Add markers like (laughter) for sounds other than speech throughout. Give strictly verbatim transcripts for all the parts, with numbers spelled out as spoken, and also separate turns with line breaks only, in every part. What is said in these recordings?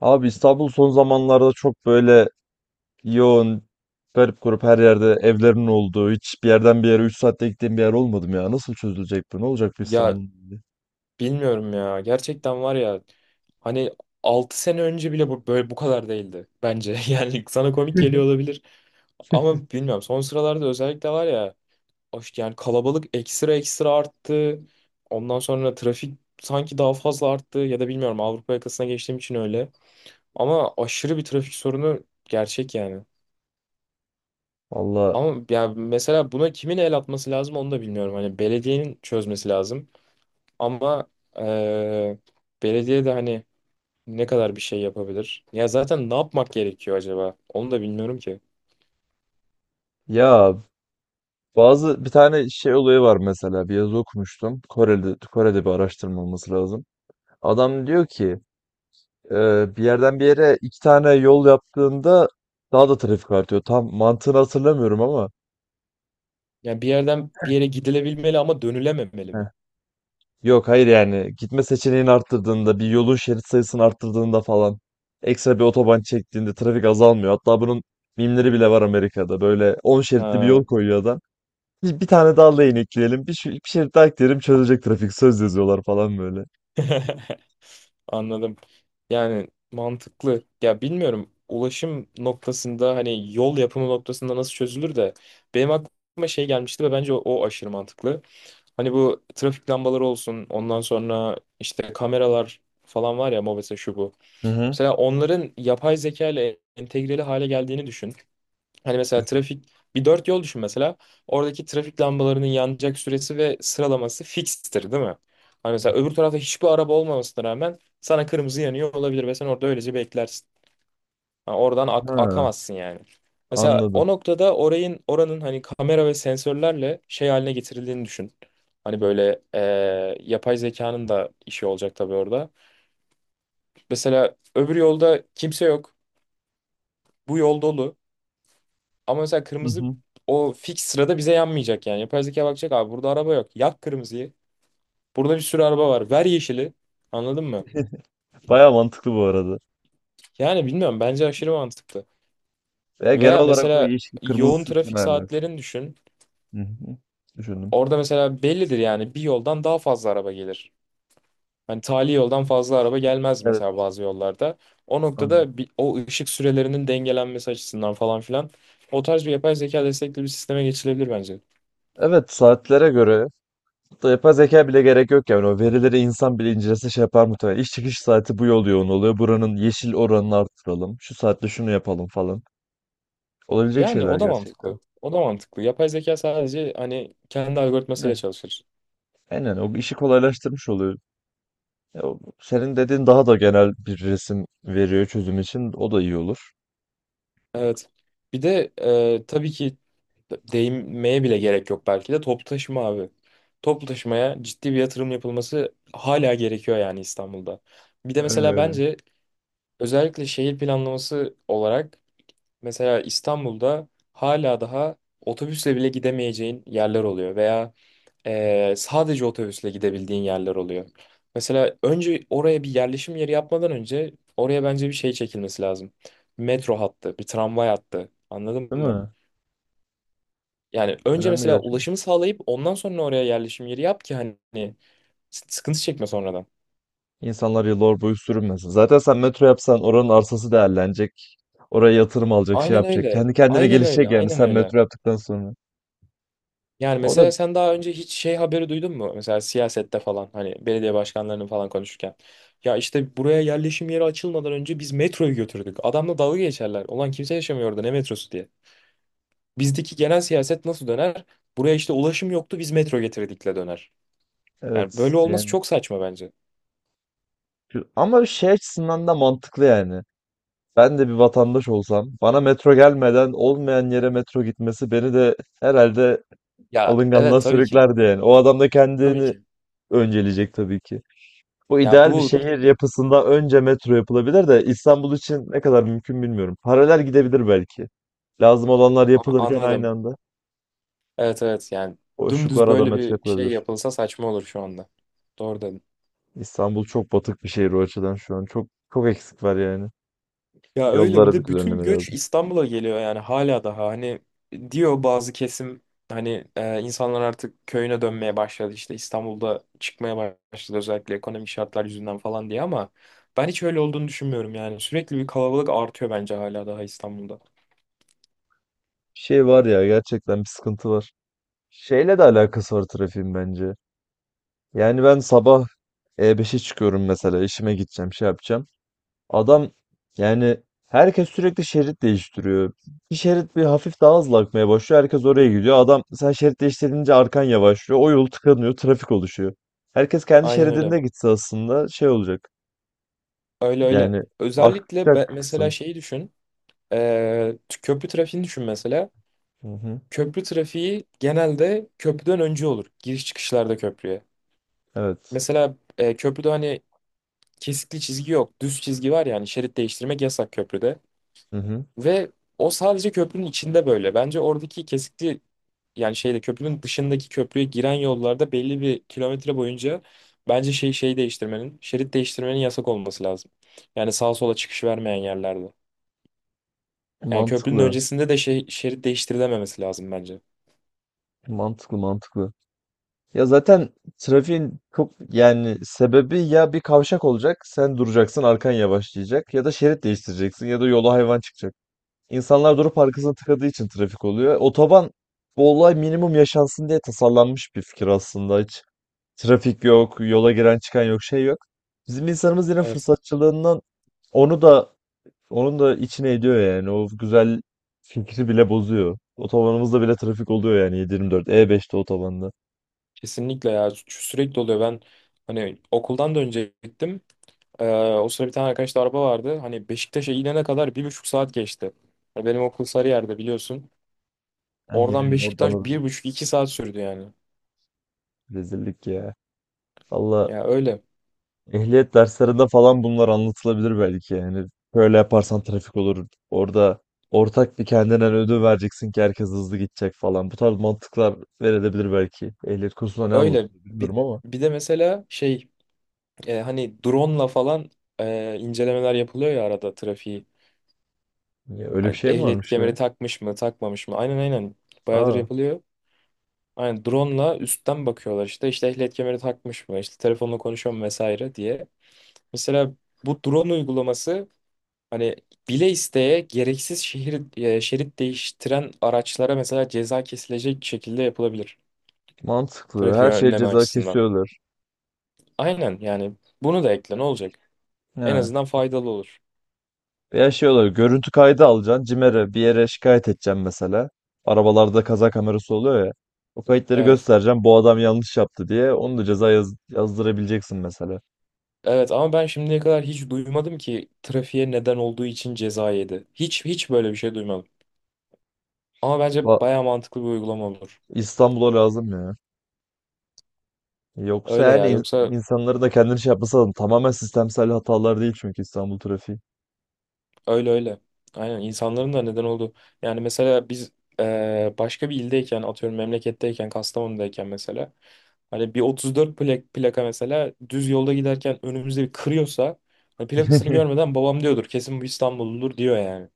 Abi İstanbul son zamanlarda çok böyle yoğun, garip grup her yerde evlerin olduğu, hiç bir yerden bir yere üç saatte gittiğim bir yer olmadım ya. Nasıl çözülecek bu? Ne olacak bu
Ya
İstanbul'un hali?
bilmiyorum ya. Gerçekten var ya. Hani altı sene önce bile bu böyle bu kadar değildi bence. (laughs) Yani sana komik geliyor olabilir. Ama bilmiyorum son sıralarda özellikle var ya hoş yani kalabalık ekstra ekstra arttı. Ondan sonra trafik sanki daha fazla arttı ya da bilmiyorum Avrupa yakasına geçtiğim için öyle. Ama aşırı bir trafik sorunu gerçek yani.
Valla
Ama ya mesela buna kimin el atması lazım onu da bilmiyorum. Hani belediyenin çözmesi lazım. Ama eee belediye de hani ne kadar bir şey yapabilir? Ya zaten ne yapmak gerekiyor acaba? Onu da bilmiyorum ki.
ya bazı bir tane şey olayı var mesela bir yazı okumuştum. Kore'de, Kore'de bir araştırma olması lazım. Adam diyor ki e, bir yerden bir yere iki tane yol yaptığında daha da trafik artıyor. Tam mantığını hatırlamıyorum ama.
Ya bir yerden bir yere gidilebilmeli ama dönülememeli mi?
Yok hayır yani gitme seçeneğini arttırdığında bir yolun şerit sayısını arttırdığında falan ekstra bir otoban çektiğinde trafik azalmıyor. Hatta bunun mimleri bile var Amerika'da. Böyle on şeritli bir yol
Ha.
koyuyor adam. Bir, bir tane daha lane ekleyelim. Bir, şu- bir şerit daha ekleyelim çözecek trafik. Söz yazıyorlar falan böyle.
(laughs) Anladım. Yani mantıklı. Ya bilmiyorum ulaşım noktasında hani yol yapımı noktasında nasıl çözülür de benim aklıma şey gelmişti ve bence o, o aşırı mantıklı. Hani bu trafik lambaları olsun ondan sonra işte kameralar falan var ya mobese şu bu.
Hı hı.
Mesela onların yapay zeka ile entegreli hale geldiğini düşün. Hani mesela trafik bir dört yol düşün mesela. Oradaki trafik lambalarının yanacak süresi ve sıralaması fikstir değil mi? Hani
Hı
mesela
hı.
öbür tarafta hiçbir araba olmamasına rağmen sana kırmızı yanıyor olabilir ve sen orada öylece beklersin. Ha, oradan ak-
Ha,
akamazsın yani. Mesela
anladım.
o noktada orayın oranın hani kamera ve sensörlerle şey haline getirildiğini düşün. Hani böyle eee, yapay zekanın da işi olacak tabii orada. Mesela öbür yolda kimse yok. Bu yol dolu. Ama mesela
Hı
kırmızı
hı.
o fix sırada bize yanmayacak yani. Yapay zeka bakacak abi burada araba yok. Yak kırmızıyı. Burada bir sürü araba var. Ver yeşili. Anladın mı?
Bayağı mantıklı bu arada.
Yani bilmiyorum bence aşırı mantıklı.
Veya genel
Veya
olarak o
mesela
yeşil kırmızı
yoğun
sütun.
trafik
Hı
saatlerini düşün.
hı. Düşündüm.
Orada mesela bellidir yani bir yoldan daha fazla araba gelir. Hani tali yoldan fazla araba gelmez mesela
Evet,
bazı yollarda. O
anladım.
noktada bir, o ışık sürelerinin dengelenmesi açısından falan filan o tarz bir yapay zeka destekli bir sisteme geçilebilir bence.
Evet, saatlere göre da yapay zeka bile gerek yok yani o verileri insan bile incelese şey yapar muhtemelen. İş çıkış saati bu yol yoğun oluyor. Buranın yeşil oranını arttıralım. Şu saatte şunu yapalım falan. Olabilecek
Yani
şeyler
o da
gerçekten.
mantıklı. O da mantıklı. Yapay zeka sadece hani kendi algoritmasıyla
Ne?
çalışır.
Aynen o işi kolaylaştırmış oluyor. Ya, o- senin dediğin daha da genel bir resim veriyor çözüm için. O da iyi olur.
Evet. Bir de e, tabii ki değinmeye bile gerek yok belki de toplu taşıma abi. Toplu taşımaya ciddi bir yatırım yapılması hala gerekiyor yani İstanbul'da. Bir de
Öyle
mesela
öyle.
bence özellikle şehir planlaması olarak mesela İstanbul'da hala daha otobüsle bile gidemeyeceğin yerler oluyor veya Ee, sadece otobüsle gidebildiğin yerler oluyor. Mesela önce oraya bir yerleşim yeri yapmadan önce oraya bence bir şey çekilmesi lazım. Bir metro hattı, bir tramvay hattı. Anladın
Değil
mı?
mi?
Yani önce
Önemli
mesela
gerçekten.
ulaşımı sağlayıp ondan sonra oraya yerleşim yeri yap ki hani s- sıkıntı çekme sonradan.
İnsanlar yıllar boyu sürünmesin. Zaten sen metro yapsan oranın arsası değerlenecek. Oraya yatırım alacak, şey
Aynen
yapacak.
öyle.
Kendi kendine
Aynen öyle.
gelişecek yani
Aynen
sen
öyle.
metro yaptıktan sonra.
Yani
O da
mesela sen daha önce hiç şey haberi duydun mu? Mesela siyasette falan hani belediye başkanlarının falan konuşurken. Ya işte buraya yerleşim yeri açılmadan önce biz metroyu götürdük. Adamla dalga geçerler. Ulan kimse yaşamıyor orada ne metrosu diye. Bizdeki genel siyaset nasıl döner? Buraya işte ulaşım yoktu biz metro getirdikle döner. Yani
evet
böyle olması
yani
çok saçma bence.
şu- ama şey açısından da mantıklı yani. Ben de bir vatandaş olsam bana metro gelmeden olmayan yere metro gitmesi beni de herhalde
Ya
alınganlığa
evet tabii ki.
sürüklerdi yani. O adam da
Tabii
kendini
ki.
önceleyecek tabii ki. Bu
Ya
ideal bir
bu
şehir yapısında önce metro yapılabilir de İstanbul için ne kadar mümkün bilmiyorum. Paralel gidebilir belki. Lazım olanlar
a-
yapılırken aynı
anladım.
anda
Evet evet yani dümdüz
boşluklara da
böyle
metro
bir şey
yapılabilir.
yapılsa saçma olur şu anda. Doğru dedin.
İstanbul çok batık bir şehir o açıdan şu an. Çok çok eksik var yani.
Ya öyle bir
Yollara bir
de bütün
düzenleme
göç
lazım.
İstanbul'a geliyor yani hala daha hani diyor bazı kesim hani e, insanlar artık köyüne dönmeye başladı işte İstanbul'da çıkmaya başladı özellikle ekonomik şartlar yüzünden falan diye ama ben hiç öyle olduğunu düşünmüyorum yani sürekli bir kalabalık artıyor bence hala daha İstanbul'da.
Şey var ya gerçekten bir sıkıntı var. Şeyle de alakası var trafiğin bence. Yani ben sabah E beşe çıkıyorum mesela işime gideceğim şey yapacağım. Adam yani herkes sürekli şerit değiştiriyor. Bir şerit bir hafif daha hızlı akmaya başlıyor. Herkes oraya gidiyor. Adam sen şerit değiştirince arkan yavaşlıyor. O yol tıkanıyor. Trafik oluşuyor. Herkes kendi
Aynen öyle
şeridinde gitse aslında şey olacak.
öyle öyle
Yani
özellikle
akacak
be- mesela
kısım.
şeyi düşün e, t- köprü trafiğini düşün mesela
Hı hı.
köprü trafiği genelde köprüden önce olur giriş çıkışlarda köprüye.
Evet.
Mesela e, köprüde hani kesikli çizgi yok. Düz çizgi var yani şerit değiştirmek yasak köprüde.
Hı hı.
Ve o sadece köprünün içinde böyle. Bence oradaki kesikli yani şeyde köprünün dışındaki köprüye giren yollarda belli bir kilometre boyunca bence şey şey değiştirmenin, şerit değiştirmenin yasak olması lazım. Yani sağa sola çıkış vermeyen yerlerde. Yani köprünün
Mantıklı.
öncesinde de şey, şerit değiştirilememesi lazım bence.
Mantıklı mantıklı. Ya zaten trafiğin çok yani sebebi ya bir kavşak olacak, sen duracaksın, arkan yavaşlayacak ya da şerit değiştireceksin ya da yola hayvan çıkacak. İnsanlar durup arkasına tıkadığı için trafik oluyor. Otoban bu olay minimum yaşansın diye tasarlanmış bir fikir aslında. Hiç trafik yok, yola giren çıkan yok, şey yok. Bizim insanımız yine
Evet.
fırsatçılığından onu da onun da içine ediyor yani. O güzel fikri bile bozuyor. Otobanımızda bile trafik oluyor yani yedi dört e beşte otobanda.
Kesinlikle ya Sü- sürekli oluyor. Ben hani okuldan da önce gittim. Ee, o sıra bir tane arkadaşta araba vardı. Hani Beşiktaş'a inene kadar bir buçuk saat geçti. Ya benim okul Sarıyer'de biliyorsun. Oradan
Yani
Beşiktaş
oradan
bir buçuk iki saat sürdü yani.
rezillik ya. Valla
Ya öyle.
ehliyet derslerinde falan bunlar anlatılabilir belki. Yani böyle yaparsan trafik olur. Orada ortak bir kendinden ödül vereceksin ki herkes hızlı gidecek falan. Bu tarz mantıklar verilebilir belki. Ehliyet kursunda ne
Öyle.
anlatılıyor
Bir,
bilmiyorum ama.
bir de mesela şey e, hani drone'la falan e, incelemeler yapılıyor ya arada trafiği.
Ya öyle bir
Ay,
şey mi
ehliyet
varmış ya?
kemeri takmış mı takmamış mı? Aynen aynen. Bayağıdır
Aa,
yapılıyor. Aynen drone'la üstten bakıyorlar işte. İşte ehliyet kemeri takmış mı? İşte telefonla konuşuyor mu vesaire diye. Mesela bu drone uygulaması hani bile isteye gereksiz şehir, e, şerit değiştiren araçlara mesela ceza kesilecek şekilde yapılabilir.
mantıklı. Her
Trafiği
şey
önleme
ceza
açısından.
kesiyorlar.
Aynen yani bunu da ekle ne olacak? En
He.
azından faydalı olur.
Veya şey olur. Görüntü kaydı alacaksın. CİMER'e bir yere şikayet edeceksin mesela. Arabalarda kaza kamerası oluyor ya. O kayıtları
Evet.
göstereceğim. Bu adam yanlış yaptı diye. Onu da ceza yaz- yazdırabileceksin mesela.
Evet ama ben şimdiye kadar hiç duymadım ki trafiğe neden olduğu için ceza yedi. Hiç hiç böyle bir şey duymadım. Ama bence
Va-
baya mantıklı bir uygulama olur.
İstanbul'a lazım ya. Yoksa
Öyle
yani
ya
in-
yoksa.
insanları da kendini şey yapması lazım. Tamamen sistemsel hatalar değil çünkü İstanbul trafiği.
Öyle öyle. Aynen insanların da neden oldu. Yani mesela biz eee, başka bir ildeyken atıyorum memleketteyken Kastamonu'dayken mesela hani bir otuz dört plak, plaka mesela düz yolda giderken önümüzde bir kırıyorsa hani plakasını
(laughs)
görmeden babam diyordur kesin bu İstanbulludur diyor yani.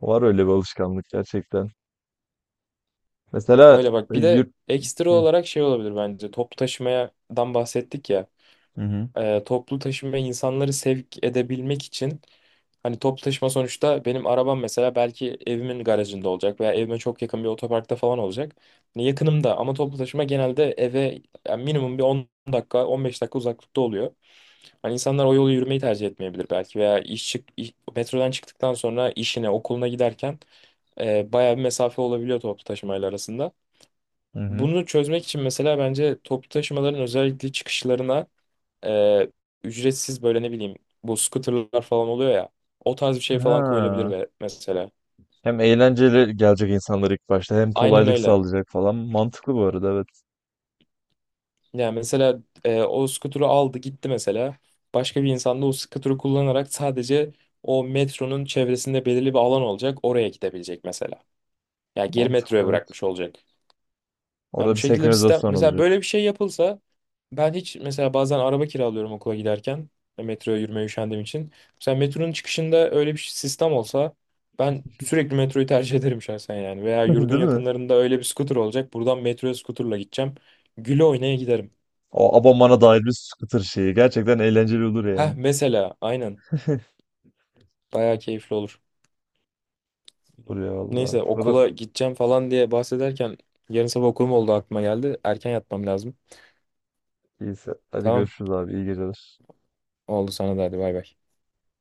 Var öyle bir alışkanlık gerçekten. Mesela
Öyle bak
e,
bir de
yurt...
ekstra
Hı
olarak şey olabilir bence toplu taşımadan bahsettik ya.
hı hı.
E, toplu taşıma insanları sevk edebilmek için hani toplu taşıma sonuçta benim arabam mesela belki evimin garajında olacak veya evime çok yakın bir otoparkta falan olacak. Hani yakınımda ama toplu taşıma genelde eve yani minimum bir on dakika on beş dakika uzaklıkta oluyor. Hani insanlar o yolu yürümeyi tercih etmeyebilir belki veya iş çık iş- metrodan çıktıktan sonra işine okuluna giderken e, bayağı bir mesafe olabiliyor toplu taşımayla arasında.
Hı. Hı.
Bunu çözmek için mesela bence toplu taşımaların özellikle çıkışlarına e, ücretsiz böyle ne bileyim bu scooterlar falan oluyor ya. O tarz bir şey falan koyulabilir
Ha.
ve mesela.
Hem eğlenceli gelecek insanlar ilk başta hem
Aynen
kolaylık
öyle.
sağlayacak falan. Mantıklı bu arada evet.
Yani mesela e, o scooter'ı aldı gitti mesela. Başka bir insan da o scooter'ı kullanarak sadece o metronun çevresinde belirli bir alan olacak. Oraya gidebilecek mesela. Yani geri
Mantıklı
metroya
evet.
bırakmış olacak. Yani
Orada
bu
bir
şekilde bir sistem
senkronizasyon
mesela
olacak.
böyle bir şey yapılsa ben hiç mesela bazen araba kiralıyorum okula giderken e, metroya yürümeye üşendiğim için. Mesela metronun çıkışında öyle bir sistem olsa ben sürekli metroyu tercih (laughs) ederim şahsen yani. Veya
(laughs)
yurdun
Değil mi?
yakınlarında öyle bir scooter olacak. Buradan metroya scooterla gideceğim. Güle oynaya giderim.
O abonmana dair bir scooter şeyi. Gerçekten eğlenceli olur yani.
Heh mesela aynen
(laughs)
bayağı keyifli olur.
Olur ya valla.
Neyse
Bu
okula
kadar.
gideceğim falan diye bahsederken yarın sabah okulum oldu aklıma geldi. Erken yatmam lazım.
İyiyse. Hadi
Tamam
görüşürüz abi. İyi geceler.
oldu sana da hadi bay bay.